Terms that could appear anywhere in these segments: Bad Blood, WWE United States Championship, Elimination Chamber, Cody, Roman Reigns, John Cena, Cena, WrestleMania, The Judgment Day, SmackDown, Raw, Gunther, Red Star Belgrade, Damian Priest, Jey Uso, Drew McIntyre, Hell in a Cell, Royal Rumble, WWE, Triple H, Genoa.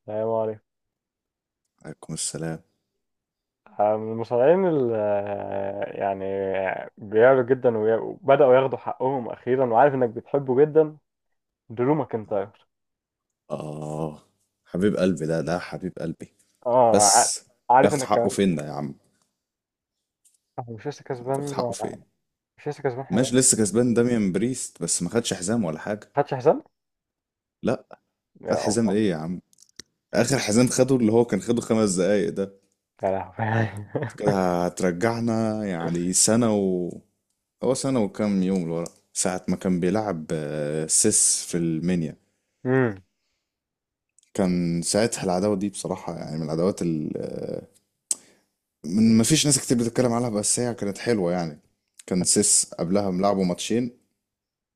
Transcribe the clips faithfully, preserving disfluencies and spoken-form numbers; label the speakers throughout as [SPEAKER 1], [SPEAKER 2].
[SPEAKER 1] السلام عليكم.
[SPEAKER 2] عليكم السلام.
[SPEAKER 1] آه، من المصارعين اللي يعني بيعلوا جدا وي- وبدأوا ياخدوا حقهم أخيرا، وعارف إنك بتحبه جدا، درو ماكنتاير.
[SPEAKER 2] آه حبيب قلبي، ده ده حبيب قلبي.
[SPEAKER 1] اه ع-
[SPEAKER 2] بس
[SPEAKER 1] عارف
[SPEAKER 2] بياخد
[SPEAKER 1] إنك
[SPEAKER 2] حقه
[SPEAKER 1] كمان
[SPEAKER 2] فين ده يا عم؟
[SPEAKER 1] آه، مش لسه
[SPEAKER 2] بياخد
[SPEAKER 1] كسبان،
[SPEAKER 2] حقه فين؟
[SPEAKER 1] مش لسه كسبان حزام،
[SPEAKER 2] ماشي، لسه كسبان داميان بريست، بس ما خدش حزام ولا حاجة.
[SPEAKER 1] ما خدش حزام.
[SPEAKER 2] لا، خد
[SPEAKER 1] يا
[SPEAKER 2] حزام
[SPEAKER 1] الله،
[SPEAKER 2] ايه يا عم؟ آخر حزام خده اللي هو كان خده خمس دقايق ده.
[SPEAKER 1] يا لهوي
[SPEAKER 2] كده هترجعنا يعني سنة و، هو سنة وكام يوم لورا، ساعة ما كان بيلعب آه، سيس في المنيا.
[SPEAKER 1] امم.
[SPEAKER 2] كان ساعتها العداوة دي بصراحة يعني من العداوات ال- من، ما فيش ناس كتير بتتكلم عنها بس هي كانت حلوة يعني. كان سيس قبلها ملعبه ماتشين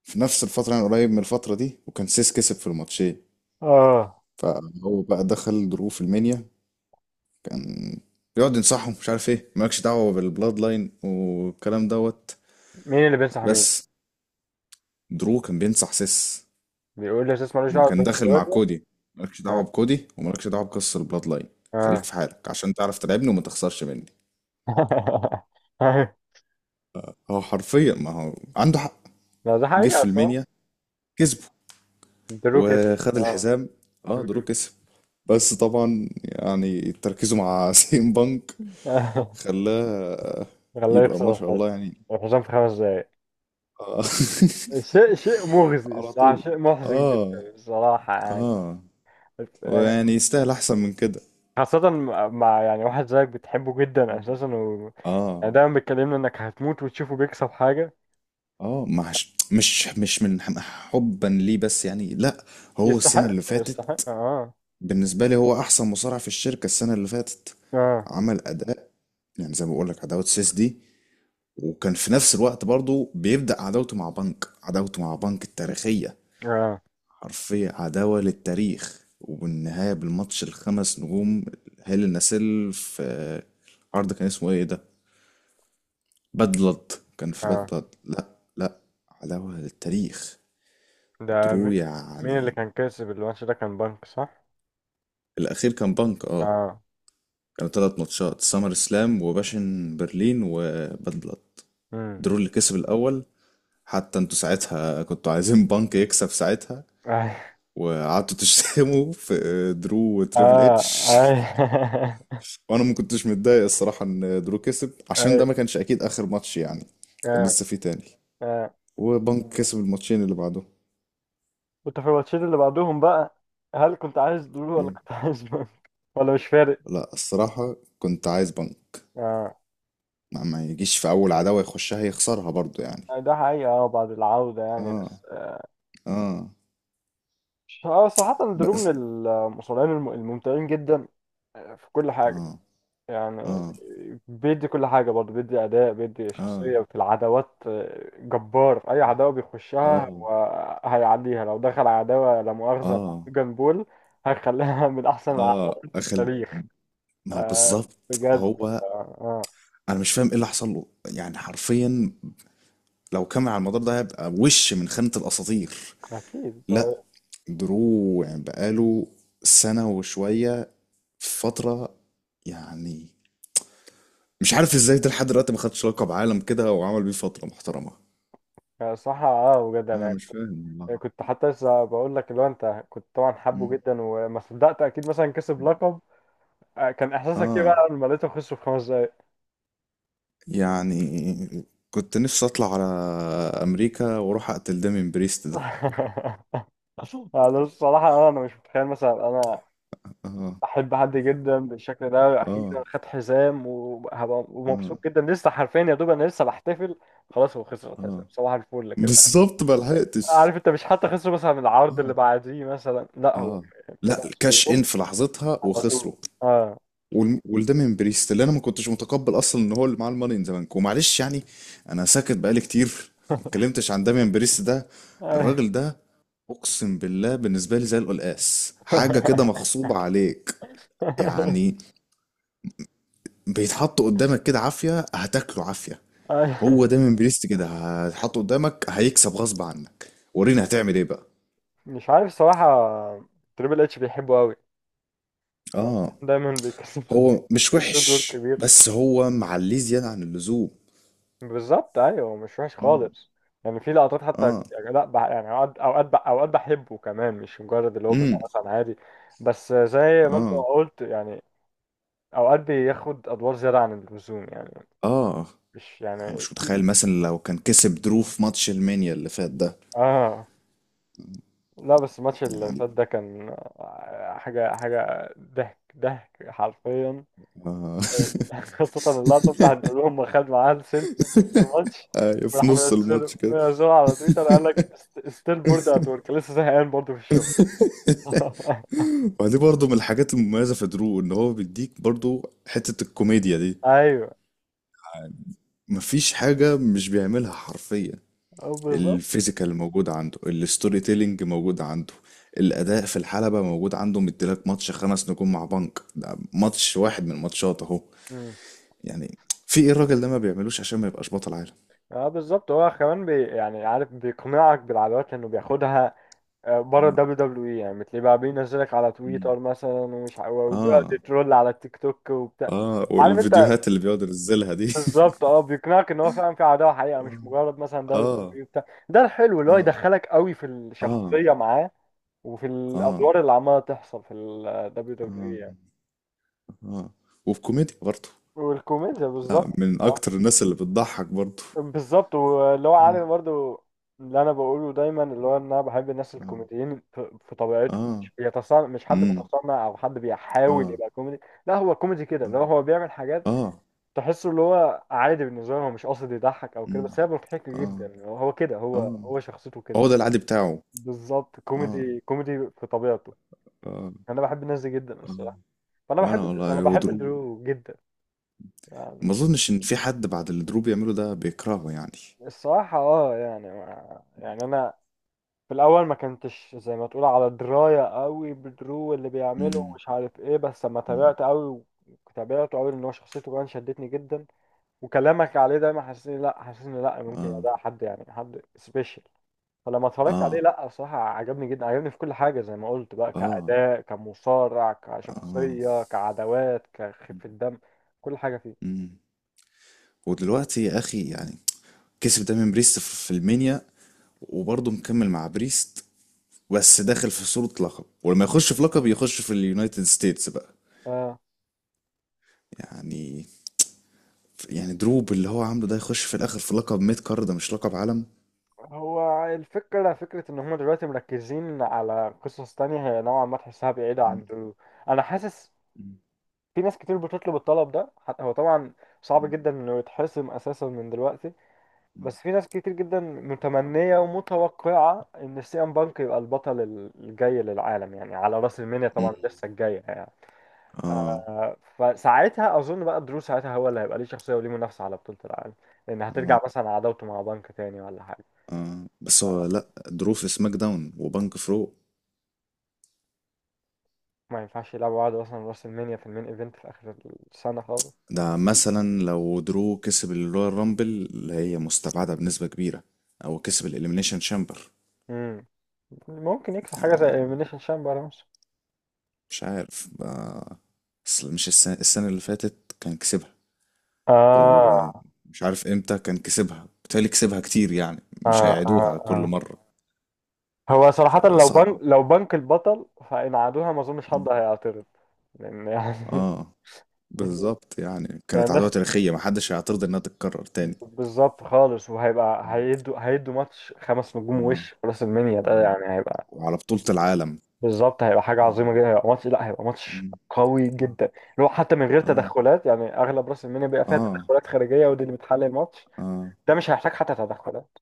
[SPEAKER 2] في نفس الفترة، يعني قريب من الفترة دي، وكان سيس كسب في الماتشين.
[SPEAKER 1] اه.
[SPEAKER 2] فهو بقى دخل دروب في المنيا، كان بيقعد ينصحهم مش عارف ايه، مالكش دعوة بالبلاد لاين والكلام دوت.
[SPEAKER 1] مين اللي بينصح مين؟
[SPEAKER 2] بس درو كان بينصح سيس
[SPEAKER 1] بيقول لي اساس مالوش
[SPEAKER 2] اما
[SPEAKER 1] دعوة
[SPEAKER 2] كان داخل مع
[SPEAKER 1] بالراجل.
[SPEAKER 2] كودي. مالكش دعوة
[SPEAKER 1] اه،
[SPEAKER 2] بكودي ومالكش دعوة بقصة البلاد لاين. خليك
[SPEAKER 1] اه
[SPEAKER 2] في حالك عشان تعرف تلعبني وما تخسرش مني. هو حرفيا، ما هو عنده حق.
[SPEAKER 1] لا ده
[SPEAKER 2] جه في
[SPEAKER 1] حقيقة، صح.
[SPEAKER 2] المنيا كسبه
[SPEAKER 1] درو كسب،
[SPEAKER 2] وخد
[SPEAKER 1] اه
[SPEAKER 2] الحزام. اه، درو كسب. بس طبعا يعني تركيزه مع سيم بانك
[SPEAKER 1] مم.
[SPEAKER 2] خلاه.
[SPEAKER 1] خلاه
[SPEAKER 2] يبقى ما
[SPEAKER 1] يخسر
[SPEAKER 2] شاء
[SPEAKER 1] الح-
[SPEAKER 2] الله يعني.
[SPEAKER 1] الحسام في خمس دقايق.
[SPEAKER 2] آه،
[SPEAKER 1] شيء شيء مغزي
[SPEAKER 2] على
[SPEAKER 1] الصراحة،
[SPEAKER 2] طول.
[SPEAKER 1] شيء محزن جدا
[SPEAKER 2] اه
[SPEAKER 1] الصراحة. يعني
[SPEAKER 2] اه.
[SPEAKER 1] يعني
[SPEAKER 2] ويعني يستاهل احسن من كده.
[SPEAKER 1] خاصة مع مع يعني واحد زيك بتحبه جدا أساسا، و...
[SPEAKER 2] اه.
[SPEAKER 1] يعني دايما بتكلمنا إنك هتموت وتشوفه بيكسب حاجة،
[SPEAKER 2] اه. مش مش مش من ح- حبا ليه، بس يعني لا. هو السنة
[SPEAKER 1] يستحق
[SPEAKER 2] اللي فاتت
[SPEAKER 1] يستحق آه
[SPEAKER 2] بالنسبة لي هو احسن مصارع في الشركة السنة اللي فاتت.
[SPEAKER 1] آه،
[SPEAKER 2] عمل اداء يعني زي ما بقول لك عداوة سيس دي، وكان في نفس الوقت برضو بيبدأ عداوته مع بنك، عداوته مع بنك التاريخية.
[SPEAKER 1] آه،
[SPEAKER 2] حرفيا عداوة للتاريخ. وبالنهاية بالماتش الخمس نجوم هيل النسيل في آه، عرض كان اسمه ايه ده؟ باد بلاد. كان في باد
[SPEAKER 1] آه.
[SPEAKER 2] بلاد. لا، لا، عداوة للتاريخ.
[SPEAKER 1] ده
[SPEAKER 2] ودرو
[SPEAKER 1] مي... مين اللي
[SPEAKER 2] يعني.
[SPEAKER 1] كان كاسب الماتش ده، كان بنك صح؟
[SPEAKER 2] الأخير كان بنك، اه.
[SPEAKER 1] آه،
[SPEAKER 2] كانوا تلات ماتشات: سامر سلام وباشن برلين وباد بلاد.
[SPEAKER 1] امم.
[SPEAKER 2] درو اللي كسب الأول. حتى انتوا ساعتها كنتوا عايزين بانك يكسب ساعتها،
[SPEAKER 1] آه،
[SPEAKER 2] وقعدتوا تشتموا في درو وتريبل اتش.
[SPEAKER 1] آه
[SPEAKER 2] وانا ما كنتش متضايق الصراحه ان درو كسب عشان ده
[SPEAKER 1] آه،
[SPEAKER 2] ما كانش اكيد اخر ماتش يعني، كان
[SPEAKER 1] آه،
[SPEAKER 2] لسه في تاني.
[SPEAKER 1] آه.
[SPEAKER 2] وبنك كسب الماتشين اللي بعده.
[SPEAKER 1] كنت في الماتشين اللي بعدهم بقى، هل كنت عايز دول ولا
[SPEAKER 2] إيه؟
[SPEAKER 1] كنت عايز دول، ولا مش فارق؟
[SPEAKER 2] لا، الصراحه كنت عايز بنك.
[SPEAKER 1] اه،
[SPEAKER 2] ما, ما يجيش في اول عداوه يخشها يخسرها برضو يعني.
[SPEAKER 1] ده حقيقة، اه، بعد العودة يعني،
[SPEAKER 2] اه.
[SPEAKER 1] بس اه.
[SPEAKER 2] اه.
[SPEAKER 1] آه، صراحة درو من
[SPEAKER 2] بس
[SPEAKER 1] المصارعين الم- الممتعين جدا، آه، في كل حاجة
[SPEAKER 2] اه.
[SPEAKER 1] يعني.
[SPEAKER 2] اه.
[SPEAKER 1] بيدي كل حاجة، برضه بيدي أداء، بيدي
[SPEAKER 2] اه.
[SPEAKER 1] شخصية في العداوات جبار. أي عداوة بيخشها
[SPEAKER 2] اه.
[SPEAKER 1] وهيعديها، لو دخل عداوة لا مؤاخذة مع
[SPEAKER 2] اه.
[SPEAKER 1] جان بول، هيخليها من أحسن
[SPEAKER 2] اه
[SPEAKER 1] العداوات في
[SPEAKER 2] اخل
[SPEAKER 1] التاريخ.
[SPEAKER 2] ما
[SPEAKER 1] آه
[SPEAKER 2] بالظبط
[SPEAKER 1] بجد،
[SPEAKER 2] هو.
[SPEAKER 1] آه، آه،
[SPEAKER 2] انا مش فاهم ايه اللي حصل له، يعني حرفيا لو كمل على المدار ده هيبقى وش من خانة الأساطير.
[SPEAKER 1] أكيد.
[SPEAKER 2] لا. درو يعني بقاله سنة وشوية في فترة، يعني مش عارف ازاي ده لحد دلوقتي ما خدش لقب عالم كده وعمل بيه فترة محترمة.
[SPEAKER 1] صح، اه بجد
[SPEAKER 2] انا مش
[SPEAKER 1] يعني،
[SPEAKER 2] فاهم والله.
[SPEAKER 1] كنت حتى لسه بقول لك اللي هو انت كنت طبعا حابه
[SPEAKER 2] مم.
[SPEAKER 1] جدا، وما صدقت اكيد مثلا كسب لقب. آه، كان احساسك ايه
[SPEAKER 2] اه،
[SPEAKER 1] بقى لما لقيته خسر في خمس دقايق؟
[SPEAKER 2] يعني كنت نفسي اطلع على امريكا واروح اقتل دامين بريست ده.
[SPEAKER 1] انا الصراحه، انا مش متخيل مثلا انا
[SPEAKER 2] اه.
[SPEAKER 1] احب حد جدا بالشكل ده،
[SPEAKER 2] اه.
[SPEAKER 1] اخيرا خد حزام وهبقى
[SPEAKER 2] اه.
[SPEAKER 1] ومبسوط جدا لسه، حرفيا يا دوب انا لسه بحتفل، خلاص هو خسر الحزام
[SPEAKER 2] اه
[SPEAKER 1] صباح الفل كده.
[SPEAKER 2] بالظبط، ما لحقتش.
[SPEAKER 1] عارف انت، مش حتى خسر مثلا من العرض اللي
[SPEAKER 2] اه.
[SPEAKER 1] بعديه مثلا، لا هو
[SPEAKER 2] اه.
[SPEAKER 1] في
[SPEAKER 2] لا،
[SPEAKER 1] نفس
[SPEAKER 2] كاش ان
[SPEAKER 1] اليوم،
[SPEAKER 2] في لحظتها
[SPEAKER 1] على
[SPEAKER 2] وخسروا.
[SPEAKER 1] طول، اه.
[SPEAKER 2] وال- وده من بريست، اللي انا ما كنتش متقبل اصلا ان هو اللي معاه الماني ان ذا بانك ومعلش يعني. انا ساكت بقالي كتير، ما اتكلمتش عن داميان بريست ده. الراجل ده اقسم بالله بالنسبه لي زي القلقاس، حاجه كده مغصوبه عليك يعني. بيتحط قدامك كده عافيه، هتاكله عافيه.
[SPEAKER 1] أي-
[SPEAKER 2] هو دايما بريست كده، هتحطه قدامك هيكسب غصب عنك. ورينا هتعمل ايه بقى.
[SPEAKER 1] مش عارف الصراحة، تريبل اتش بيحبه قوي،
[SPEAKER 2] اه،
[SPEAKER 1] دايما بيكسب
[SPEAKER 2] هو مش
[SPEAKER 1] بدون دور
[SPEAKER 2] وحش
[SPEAKER 1] كبير.
[SPEAKER 2] بس هو معليه زياده عن اللزوم.
[SPEAKER 1] بالظبط، ايوه، مش وحش
[SPEAKER 2] مم.
[SPEAKER 1] خالص يعني، في لقطات حتى،
[SPEAKER 2] اه.
[SPEAKER 1] يعني لا بح... يعني اوقات، اوقات بح- اوقات بحبه كمان، مش مجرد اللي هو
[SPEAKER 2] امم.
[SPEAKER 1] بيبقى مثلا عادي، بس زي ما انت
[SPEAKER 2] اه.
[SPEAKER 1] قلت يعني، اوقات بياخد ادوار زيادة عن اللزوم يعني،
[SPEAKER 2] اه.
[SPEAKER 1] مش
[SPEAKER 2] أنا
[SPEAKER 1] يعني
[SPEAKER 2] مش
[SPEAKER 1] في
[SPEAKER 2] متخيل مثلا لو كان كسب درو في ماتش المانيا اللي فات ده.
[SPEAKER 1] اه. لا بس الماتش اللي
[SPEAKER 2] يعني
[SPEAKER 1] فات ده كان آه، حاجة حاجة ضحك ضحك حرفيا
[SPEAKER 2] آه.
[SPEAKER 1] خاصة اللقطة بتاعت بيقول لهم خد معاه السيلفي في وسط الماتش،
[SPEAKER 2] آه، في
[SPEAKER 1] وراح
[SPEAKER 2] نص الماتش
[SPEAKER 1] منزله
[SPEAKER 2] كده.
[SPEAKER 1] منزله على تويتر، قال لك ستيل بورد ات ورك، لسه زهقان برضه في الشغل
[SPEAKER 2] ودي برضو من الحاجات المميزة في درو، ان هو بيديك برضو حتة الكوميديا دي.
[SPEAKER 1] ايوه،
[SPEAKER 2] مفيش حاجة مش بيعملها حرفيا.
[SPEAKER 1] أه بالظبط.
[SPEAKER 2] الفيزيكال موجود عنده، الستوري تيلينج موجود عنده، الأداء في الحلبة موجود عنده، مديلك ماتش خمس نجوم مع بنك، ده ماتش واحد من الماتشات اهو.
[SPEAKER 1] مم.
[SPEAKER 2] يعني في ايه الراجل ده ما بيعملوش عشان ما يبقاش بطل عالم؟
[SPEAKER 1] اه بالظبط، هو كمان بي يعني، عارف بيقنعك بالعادات لانه بياخدها آه، بره
[SPEAKER 2] اه.
[SPEAKER 1] الدبليو دبليو اي يعني، بتلاقيه بقى بينزلك على
[SPEAKER 2] مم.
[SPEAKER 1] تويتر مثلا، ومش ع- وبيقعد
[SPEAKER 2] آه.
[SPEAKER 1] يترول على التيك توك وبتاع.
[SPEAKER 2] اه،
[SPEAKER 1] عارف انت،
[SPEAKER 2] والفيديوهات اللي بيقعد ينزلها دي.
[SPEAKER 1] بالظبط اه، بيقنعك ان هو فعلا في عداوه حقيقه، مش مجرد مثلا دوري
[SPEAKER 2] اه.
[SPEAKER 1] دبليو بتاع ده الحلو، اللي هو
[SPEAKER 2] اه.
[SPEAKER 1] يدخلك قوي في
[SPEAKER 2] اه.
[SPEAKER 1] الشخصيه معاه، وفي
[SPEAKER 2] اه. اه.
[SPEAKER 1] الادوار اللي عماله تحصل في الدبليو دبليو
[SPEAKER 2] اه.
[SPEAKER 1] يعني.
[SPEAKER 2] اه. وفي كوميديا برضه.
[SPEAKER 1] والكوميديا
[SPEAKER 2] لا،
[SPEAKER 1] بالظبط
[SPEAKER 2] من
[SPEAKER 1] صح،
[SPEAKER 2] اكتر الناس اللي بتضحك برضه.
[SPEAKER 1] بالظبط، واللي هو
[SPEAKER 2] اه.
[SPEAKER 1] عارف برضو اللي انا بقوله دايما، اللي هو ان انا بحب الناس
[SPEAKER 2] اه.
[SPEAKER 1] الكوميديين في في طبيعتهم،
[SPEAKER 2] اه.
[SPEAKER 1] مش بيتصنع، مش حد
[SPEAKER 2] امم.
[SPEAKER 1] متصنع او حد بيحاول
[SPEAKER 2] اه.
[SPEAKER 1] يبقى كوميدي، لا هو كوميدي كده، اللي هو هو بيعمل
[SPEAKER 2] اه.
[SPEAKER 1] حاجات
[SPEAKER 2] اه.
[SPEAKER 1] تحسه اللي هو عادي بالنسبه له، هو مش قاصد يضحك او كده،
[SPEAKER 2] امم.
[SPEAKER 1] بس هي مضحكه
[SPEAKER 2] اه.
[SPEAKER 1] جدا، هو هو كده، هو
[SPEAKER 2] اه.
[SPEAKER 1] هو شخصيته كده.
[SPEAKER 2] هو ده العادي بتاعه.
[SPEAKER 1] بالظبط،
[SPEAKER 2] اه.
[SPEAKER 1] كوميدي كوميدي في طبيعته،
[SPEAKER 2] اه.
[SPEAKER 1] انا بحب الناس دي جدا
[SPEAKER 2] اه.
[SPEAKER 1] الصراحه، فانا
[SPEAKER 2] وانا
[SPEAKER 1] بحب
[SPEAKER 2] والله،
[SPEAKER 1] انا
[SPEAKER 2] هو
[SPEAKER 1] بحب
[SPEAKER 2] درو
[SPEAKER 1] درو جدا
[SPEAKER 2] ما
[SPEAKER 1] يعني.
[SPEAKER 2] اظنش ان في حد بعد اللي درو بيعمله ده بيكرهه يعني.
[SPEAKER 1] الصراحه اه يعني، ما يعني انا في الاول ما كنتش زي ما تقول على درايه قوي بدرو اللي بيعمله
[SPEAKER 2] امم.
[SPEAKER 1] ومش عارف ايه، بس لما
[SPEAKER 2] امم.
[SPEAKER 1] تابعت قوي تابعته قوي ان هو شخصيته كمان شدتني جدا، وكلامك عليه دايما حسسني لا حسسني لا ممكن
[SPEAKER 2] اه.
[SPEAKER 1] ده حد، يعني حد سبيشال، فلما اتفرجت عليه
[SPEAKER 2] اه.
[SPEAKER 1] لا بصراحة عجبني جدا، عجبني في كل حاجة زي ما قلت بقى،
[SPEAKER 2] اه.
[SPEAKER 1] كأداء، كمصارع،
[SPEAKER 2] اه.
[SPEAKER 1] كشخصية، كعدوات، كخفة دم، كل حاجة فيه.
[SPEAKER 2] امم. ودلوقتي يا اخي يعني كسب دايما بريست في في المنيا وبرضه مكمل مع بريست. بس داخل في صورة لقب، ولما يخش في لقب يخش في اليونايتد ستيتس بقى.
[SPEAKER 1] آه.
[SPEAKER 2] يعني، يعني دروب اللي هو عامله ده يخش في الاخر في لقب ميد كارد، ده مش لقب عالم.
[SPEAKER 1] هو الفكرة فكرة إن هما دلوقتي مركزين على قصص تانية، هي نوعا ما تحسها بعيدة
[SPEAKER 2] مم.
[SPEAKER 1] عن ال- أنا حاسس
[SPEAKER 2] مم.
[SPEAKER 1] في ناس كتير بتطلب الطلب ده، حتى هو طبعا صعب
[SPEAKER 2] مم.
[SPEAKER 1] جدا إنه يتحسم أساسا من دلوقتي، بس في ناس كتير جدا متمنية ومتوقعة إن سيان بانك يبقى البطل الجاي للعالم يعني، على رأس المنيا
[SPEAKER 2] مم.
[SPEAKER 1] طبعا، لسه الجاية يعني.
[SPEAKER 2] اه.
[SPEAKER 1] فساعتها أظن بقى درو ساعتها هو اللي هيبقى ليه شخصية، وليه منافسة على بطولة العالم، لأن
[SPEAKER 2] اه.
[SPEAKER 1] هترجع مثلا عداوته مع بانك تاني ولا حاجة،
[SPEAKER 2] اه بس هو لا، درو في سماك داون وبنك فرو.
[SPEAKER 1] فما ينفعش يلعبوا بعض مثلا رأس المنيا في المين إيفنت في آخر السنة خالص.
[SPEAKER 2] ده مثلا لو درو كسب الرويال رامبل، اللي هي مستبعدة بنسبة كبيرة، او كسب الاليمينيشن شامبر.
[SPEAKER 1] مم. ممكن يكسب حاجة زي
[SPEAKER 2] يعني
[SPEAKER 1] إليمينيشن شامبر مثلا.
[SPEAKER 2] مش عارف بقى، اصل مش السنة, السنة اللي فاتت كان كسبها،
[SPEAKER 1] آه،
[SPEAKER 2] ومش عارف امتى كان كسبها، بالتالي كسبها كتير يعني
[SPEAKER 1] آه،
[SPEAKER 2] مش هيعيدوها
[SPEAKER 1] آه،
[SPEAKER 2] كل
[SPEAKER 1] آه.
[SPEAKER 2] مرة.
[SPEAKER 1] هو صراحة لو
[SPEAKER 2] فصعب.
[SPEAKER 1] بنك لو بنك البطل، فإن عادوها ما أظنش حد
[SPEAKER 2] م.
[SPEAKER 1] هيعترض، لأن يعني
[SPEAKER 2] اه بالظبط، يعني
[SPEAKER 1] يعني
[SPEAKER 2] كانت عدوى
[SPEAKER 1] الناس،
[SPEAKER 2] تاريخية محدش هيعترض انها تتكرر تاني.
[SPEAKER 1] بالظبط خالص. وهيبقى
[SPEAKER 2] م.
[SPEAKER 1] هيدوا هيدوا ماتش خمس نجوم
[SPEAKER 2] اه.
[SPEAKER 1] وش في راس المنيا، ده
[SPEAKER 2] اه
[SPEAKER 1] يعني هيبقى،
[SPEAKER 2] وعلى بطولة العالم.
[SPEAKER 1] بالظبط، هيبقى حاجة
[SPEAKER 2] اه.
[SPEAKER 1] عظيمة جدا، هيبقى ماتش، لا هيبقى ماتش
[SPEAKER 2] م.
[SPEAKER 1] قوي
[SPEAKER 2] اه.
[SPEAKER 1] جدا، اللي هو حتى من غير
[SPEAKER 2] اه.
[SPEAKER 1] تدخلات يعني، أغلب راس المنيا بيبقى فيها
[SPEAKER 2] اه.
[SPEAKER 1] تدخلات خارجية ودي اللي بتحل الماتش،
[SPEAKER 2] آه.
[SPEAKER 1] ده مش هيحتاج حتى تدخلات،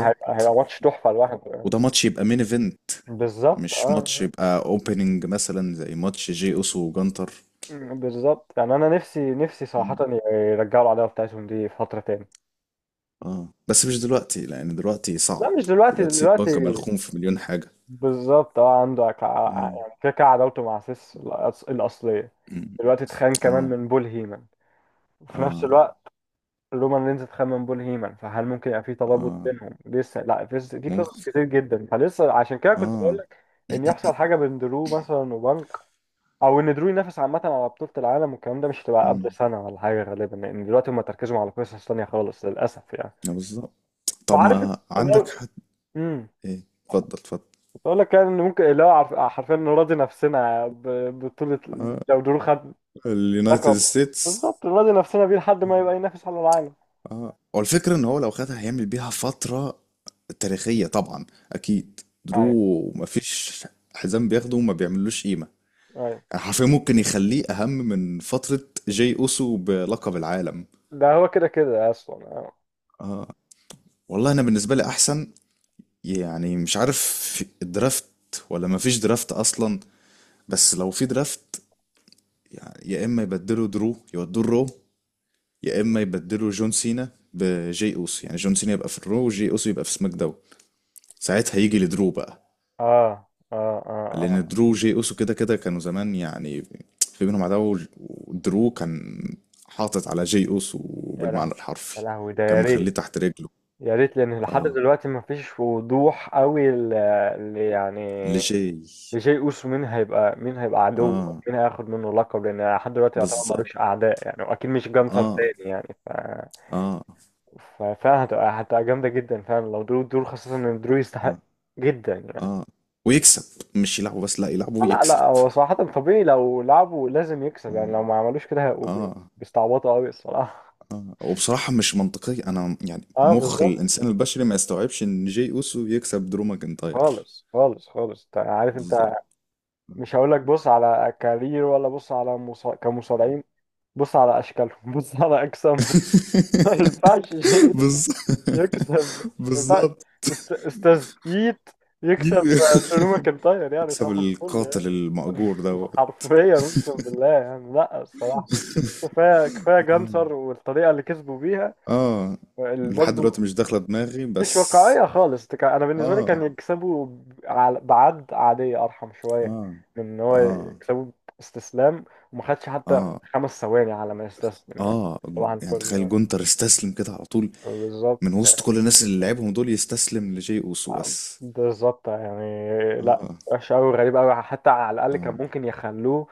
[SPEAKER 1] هيبقى هيبقى ماتش تحفة لوحده يعني.
[SPEAKER 2] وده ماتش يبقى مين ايفنت،
[SPEAKER 1] بالظبط
[SPEAKER 2] مش ماتش
[SPEAKER 1] اه.
[SPEAKER 2] يبقى اوبننج مثلا زي ماتش جي اوسو وجانتر.
[SPEAKER 1] آه، بالظبط يعني انا نفسي نفسي صراحة يرجعوا العداوة بتاعتهم دي في فترة تاني.
[SPEAKER 2] اه بس مش دلوقتي لان دلوقتي
[SPEAKER 1] لا
[SPEAKER 2] صعب.
[SPEAKER 1] مش دلوقتي،
[SPEAKER 2] دلوقتي البنك
[SPEAKER 1] دلوقتي
[SPEAKER 2] ملخوم في مليون حاجة.
[SPEAKER 1] بالظبط اه، عنده ك- ع-
[SPEAKER 2] مم.
[SPEAKER 1] يعني كده كده عداوته مع سيس الأص- الأصلية،
[SPEAKER 2] مم.
[SPEAKER 1] دلوقتي اتخان كمان
[SPEAKER 2] اه.
[SPEAKER 1] من بول هيمن، وفي نفس
[SPEAKER 2] اه.
[SPEAKER 1] الوقت رومان رينز اتخان من بول هيمن، فهل ممكن يبقى في ترابط
[SPEAKER 2] اه.
[SPEAKER 1] بينهم لسه؟ لا في في قصص
[SPEAKER 2] ممكن.
[SPEAKER 1] كتير جدا، فلسه عشان كده كنت بقول
[SPEAKER 2] اه.
[SPEAKER 1] لك ان يحصل حاجة بين درو مثلا وبنك، او ان درو ينافس عامة على بطولة العالم، والكلام ده مش هتبقى قبل
[SPEAKER 2] مم.
[SPEAKER 1] سنة ولا حاجة غالبا، لان دلوقتي هم تركزوا على قصص تانية خالص للأسف يعني.
[SPEAKER 2] آه، بالظبط. طب
[SPEAKER 1] فعارف،
[SPEAKER 2] ما
[SPEAKER 1] انا
[SPEAKER 2] عندك حد؟
[SPEAKER 1] امم
[SPEAKER 2] ايه؟ اتفضل اتفضل.
[SPEAKER 1] بقول لك يعني ان ممكن اللي هو عارف- حرفيا نراضي نفسنا ب- بطولة،
[SPEAKER 2] آه.
[SPEAKER 1] لو درو خد
[SPEAKER 2] اليونايتد
[SPEAKER 1] لقب،
[SPEAKER 2] ستيتس.
[SPEAKER 1] بالظبط نراضي نفسنا بيه لحد ما يبقى ينافس على العالم.
[SPEAKER 2] اه، هو الفكرة ان هو لو خدها هيعمل بيها فترة تاريخية طبعا. اكيد
[SPEAKER 1] ايوه،
[SPEAKER 2] درو مفيش حزام بياخده وما بيعملوش قيمة.
[SPEAKER 1] ايوه،
[SPEAKER 2] يعني حرفيا ممكن يخليه اهم من فترة جاي اوسو بلقب العالم.
[SPEAKER 1] ده هو كده كده اصلا اه.
[SPEAKER 2] اه. والله انا بالنسبه لي احسن. يعني مش عارف، في الدرافت ولا ما فيش درافت اصلا؟ بس لو في درافت، يعني يا اما يبدلوا درو يودوه الرو، يا اما يبدلوا جون سينا بجي اوسو، يعني جون سينا يبقى في الرو وجي اوسو يبقى في سماك داون، ساعتها يجي لدرو بقى.
[SPEAKER 1] اه، اه، اه،
[SPEAKER 2] لان
[SPEAKER 1] آه.
[SPEAKER 2] درو وجي اوسو كده كده كانوا زمان يعني في بينهم عداوه، ودرو كان حاطط على جي اوسو
[SPEAKER 1] يا
[SPEAKER 2] بالمعنى
[SPEAKER 1] لهوي، يا
[SPEAKER 2] الحرفي.
[SPEAKER 1] لهوي، ده
[SPEAKER 2] كان
[SPEAKER 1] يا ريت،
[SPEAKER 2] مخليه تحت رجله.
[SPEAKER 1] يا ريت، لان لحد
[SPEAKER 2] اه.
[SPEAKER 1] دلوقتي ما فيش وضوح قوي ل- ل- يعني
[SPEAKER 2] لجي
[SPEAKER 1] لجاي اوسو مين هيبقى مين هيبقى عدو،
[SPEAKER 2] اه
[SPEAKER 1] مين هياخد منه لقب، لان لحد دلوقتي يعتبر
[SPEAKER 2] بالظبط.
[SPEAKER 1] ملوش اعداء يعني، واكيد مش جانسر
[SPEAKER 2] اه.
[SPEAKER 1] تاني يعني ف،
[SPEAKER 2] اه.
[SPEAKER 1] ففعلا هتبقى، هتبقى جامدة جدا فعلا لو درو، درو خاصة ان درو
[SPEAKER 2] اه.
[SPEAKER 1] يستحق جدا يعني.
[SPEAKER 2] اه ويكسب، مش يلعبوا بس، لا يلعبوا
[SPEAKER 1] لا
[SPEAKER 2] ويكسب.
[SPEAKER 1] لا هو صراحة طبيعي لو لعبوا لازم يكسب يعني،
[SPEAKER 2] اه.
[SPEAKER 1] لو ما عملوش كده هيبقوا بي-
[SPEAKER 2] اه.
[SPEAKER 1] بيستعبطوا قوي الصراحة
[SPEAKER 2] آه. وبصراحة مش منطقية، انا يعني
[SPEAKER 1] اه
[SPEAKER 2] مخ
[SPEAKER 1] بالظبط،
[SPEAKER 2] الانسان البشري ما يستوعبش ان جي اوسو يكسب درو ماكنتاير.
[SPEAKER 1] خالص خالص خالص، انت عارف
[SPEAKER 2] بالظبط.
[SPEAKER 1] انت، مش هقول لك بص على كارير، ولا بص على مصا... كمصارعين، بص على اشكالهم بص على اجسامهم ما ينفعش شيء
[SPEAKER 2] بالظبط.
[SPEAKER 1] يكسب، ما ينفعش
[SPEAKER 2] بالظبط.
[SPEAKER 1] أست- استاذ ايت يكسب درو ماكنتاير يعني،
[SPEAKER 2] يكسب
[SPEAKER 1] صح الفل يعني.
[SPEAKER 2] القاتل المأجور دوت.
[SPEAKER 1] حرفيا اقسم بالله يعني، لا الصراحه كفايه كفايه
[SPEAKER 2] اه.
[SPEAKER 1] جانسر، والطريقه اللي كسبوا بيها
[SPEAKER 2] اه لحد
[SPEAKER 1] برضه
[SPEAKER 2] دلوقتي مش داخلة دماغي
[SPEAKER 1] مش
[SPEAKER 2] بس.
[SPEAKER 1] واقعيه خالص، تك- انا بالنسبه لي كان
[SPEAKER 2] اه.
[SPEAKER 1] يكسبوا ب- على- بعد عاديه، ارحم شويه
[SPEAKER 2] اه.
[SPEAKER 1] من ان هو
[SPEAKER 2] اه.
[SPEAKER 1] يكسبوا استسلام، وما خدش حتى
[SPEAKER 2] اه.
[SPEAKER 1] خمس ثواني على ما يستسلم يعني.
[SPEAKER 2] اه جو-
[SPEAKER 1] صباح
[SPEAKER 2] يعني
[SPEAKER 1] الفل،
[SPEAKER 2] تخيل جونتر استسلم كده على طول، من
[SPEAKER 1] بالظبط.
[SPEAKER 2] وسط كل الناس اللي لعبهم دول يستسلم لجي اوسو بس.
[SPEAKER 1] بالظبط يعني، لا
[SPEAKER 2] اه.
[SPEAKER 1] وحش قوي، غريب قوي، حتى على الاقل
[SPEAKER 2] اه.
[SPEAKER 1] كان ممكن يخلوه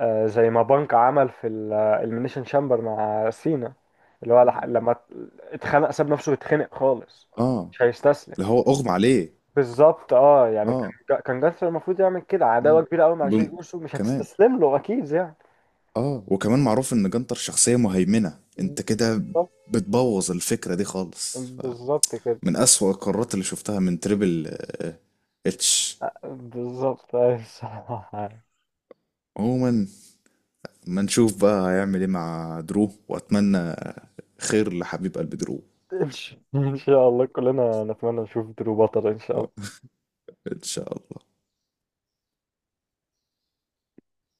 [SPEAKER 1] آه، زي ما بانك عمل في الاليمينيشن شامبر مع سينا، اللي هو لح-
[SPEAKER 2] مم.
[SPEAKER 1] لما ات- اتخنق ساب نفسه يتخنق خالص،
[SPEAKER 2] اه،
[SPEAKER 1] مش هيستسلم.
[SPEAKER 2] اللي هو اغمى عليه.
[SPEAKER 1] بالظبط اه، يعني كان
[SPEAKER 2] اه.
[SPEAKER 1] جا- كان جاستر المفروض يعمل كده
[SPEAKER 2] اه.
[SPEAKER 1] عداوة كبيرة قوي مع
[SPEAKER 2] جون
[SPEAKER 1] جاي اوسو، مش
[SPEAKER 2] كمان.
[SPEAKER 1] هتستسلم له اكيد يعني.
[SPEAKER 2] اه، وكمان معروف ان جنتر شخصية مهيمنة، انت كده
[SPEAKER 1] بالظبط،
[SPEAKER 2] بتبوظ الفكرة دي خالص ف...
[SPEAKER 1] بالظبط كده.
[SPEAKER 2] من اسوأ القرارات اللي شفتها من تريبل آه، اتش.
[SPEAKER 1] بالظبط أيوة، الصراحة
[SPEAKER 2] عموما ما نشوف بقى هيعمل ايه مع درو، واتمنى خير لحبيب قلب درو.
[SPEAKER 1] إن شاء إن شاء الله كلنا نتمنى نشوف درو بطل إن شاء الله.
[SPEAKER 2] آه، ان شاء الله.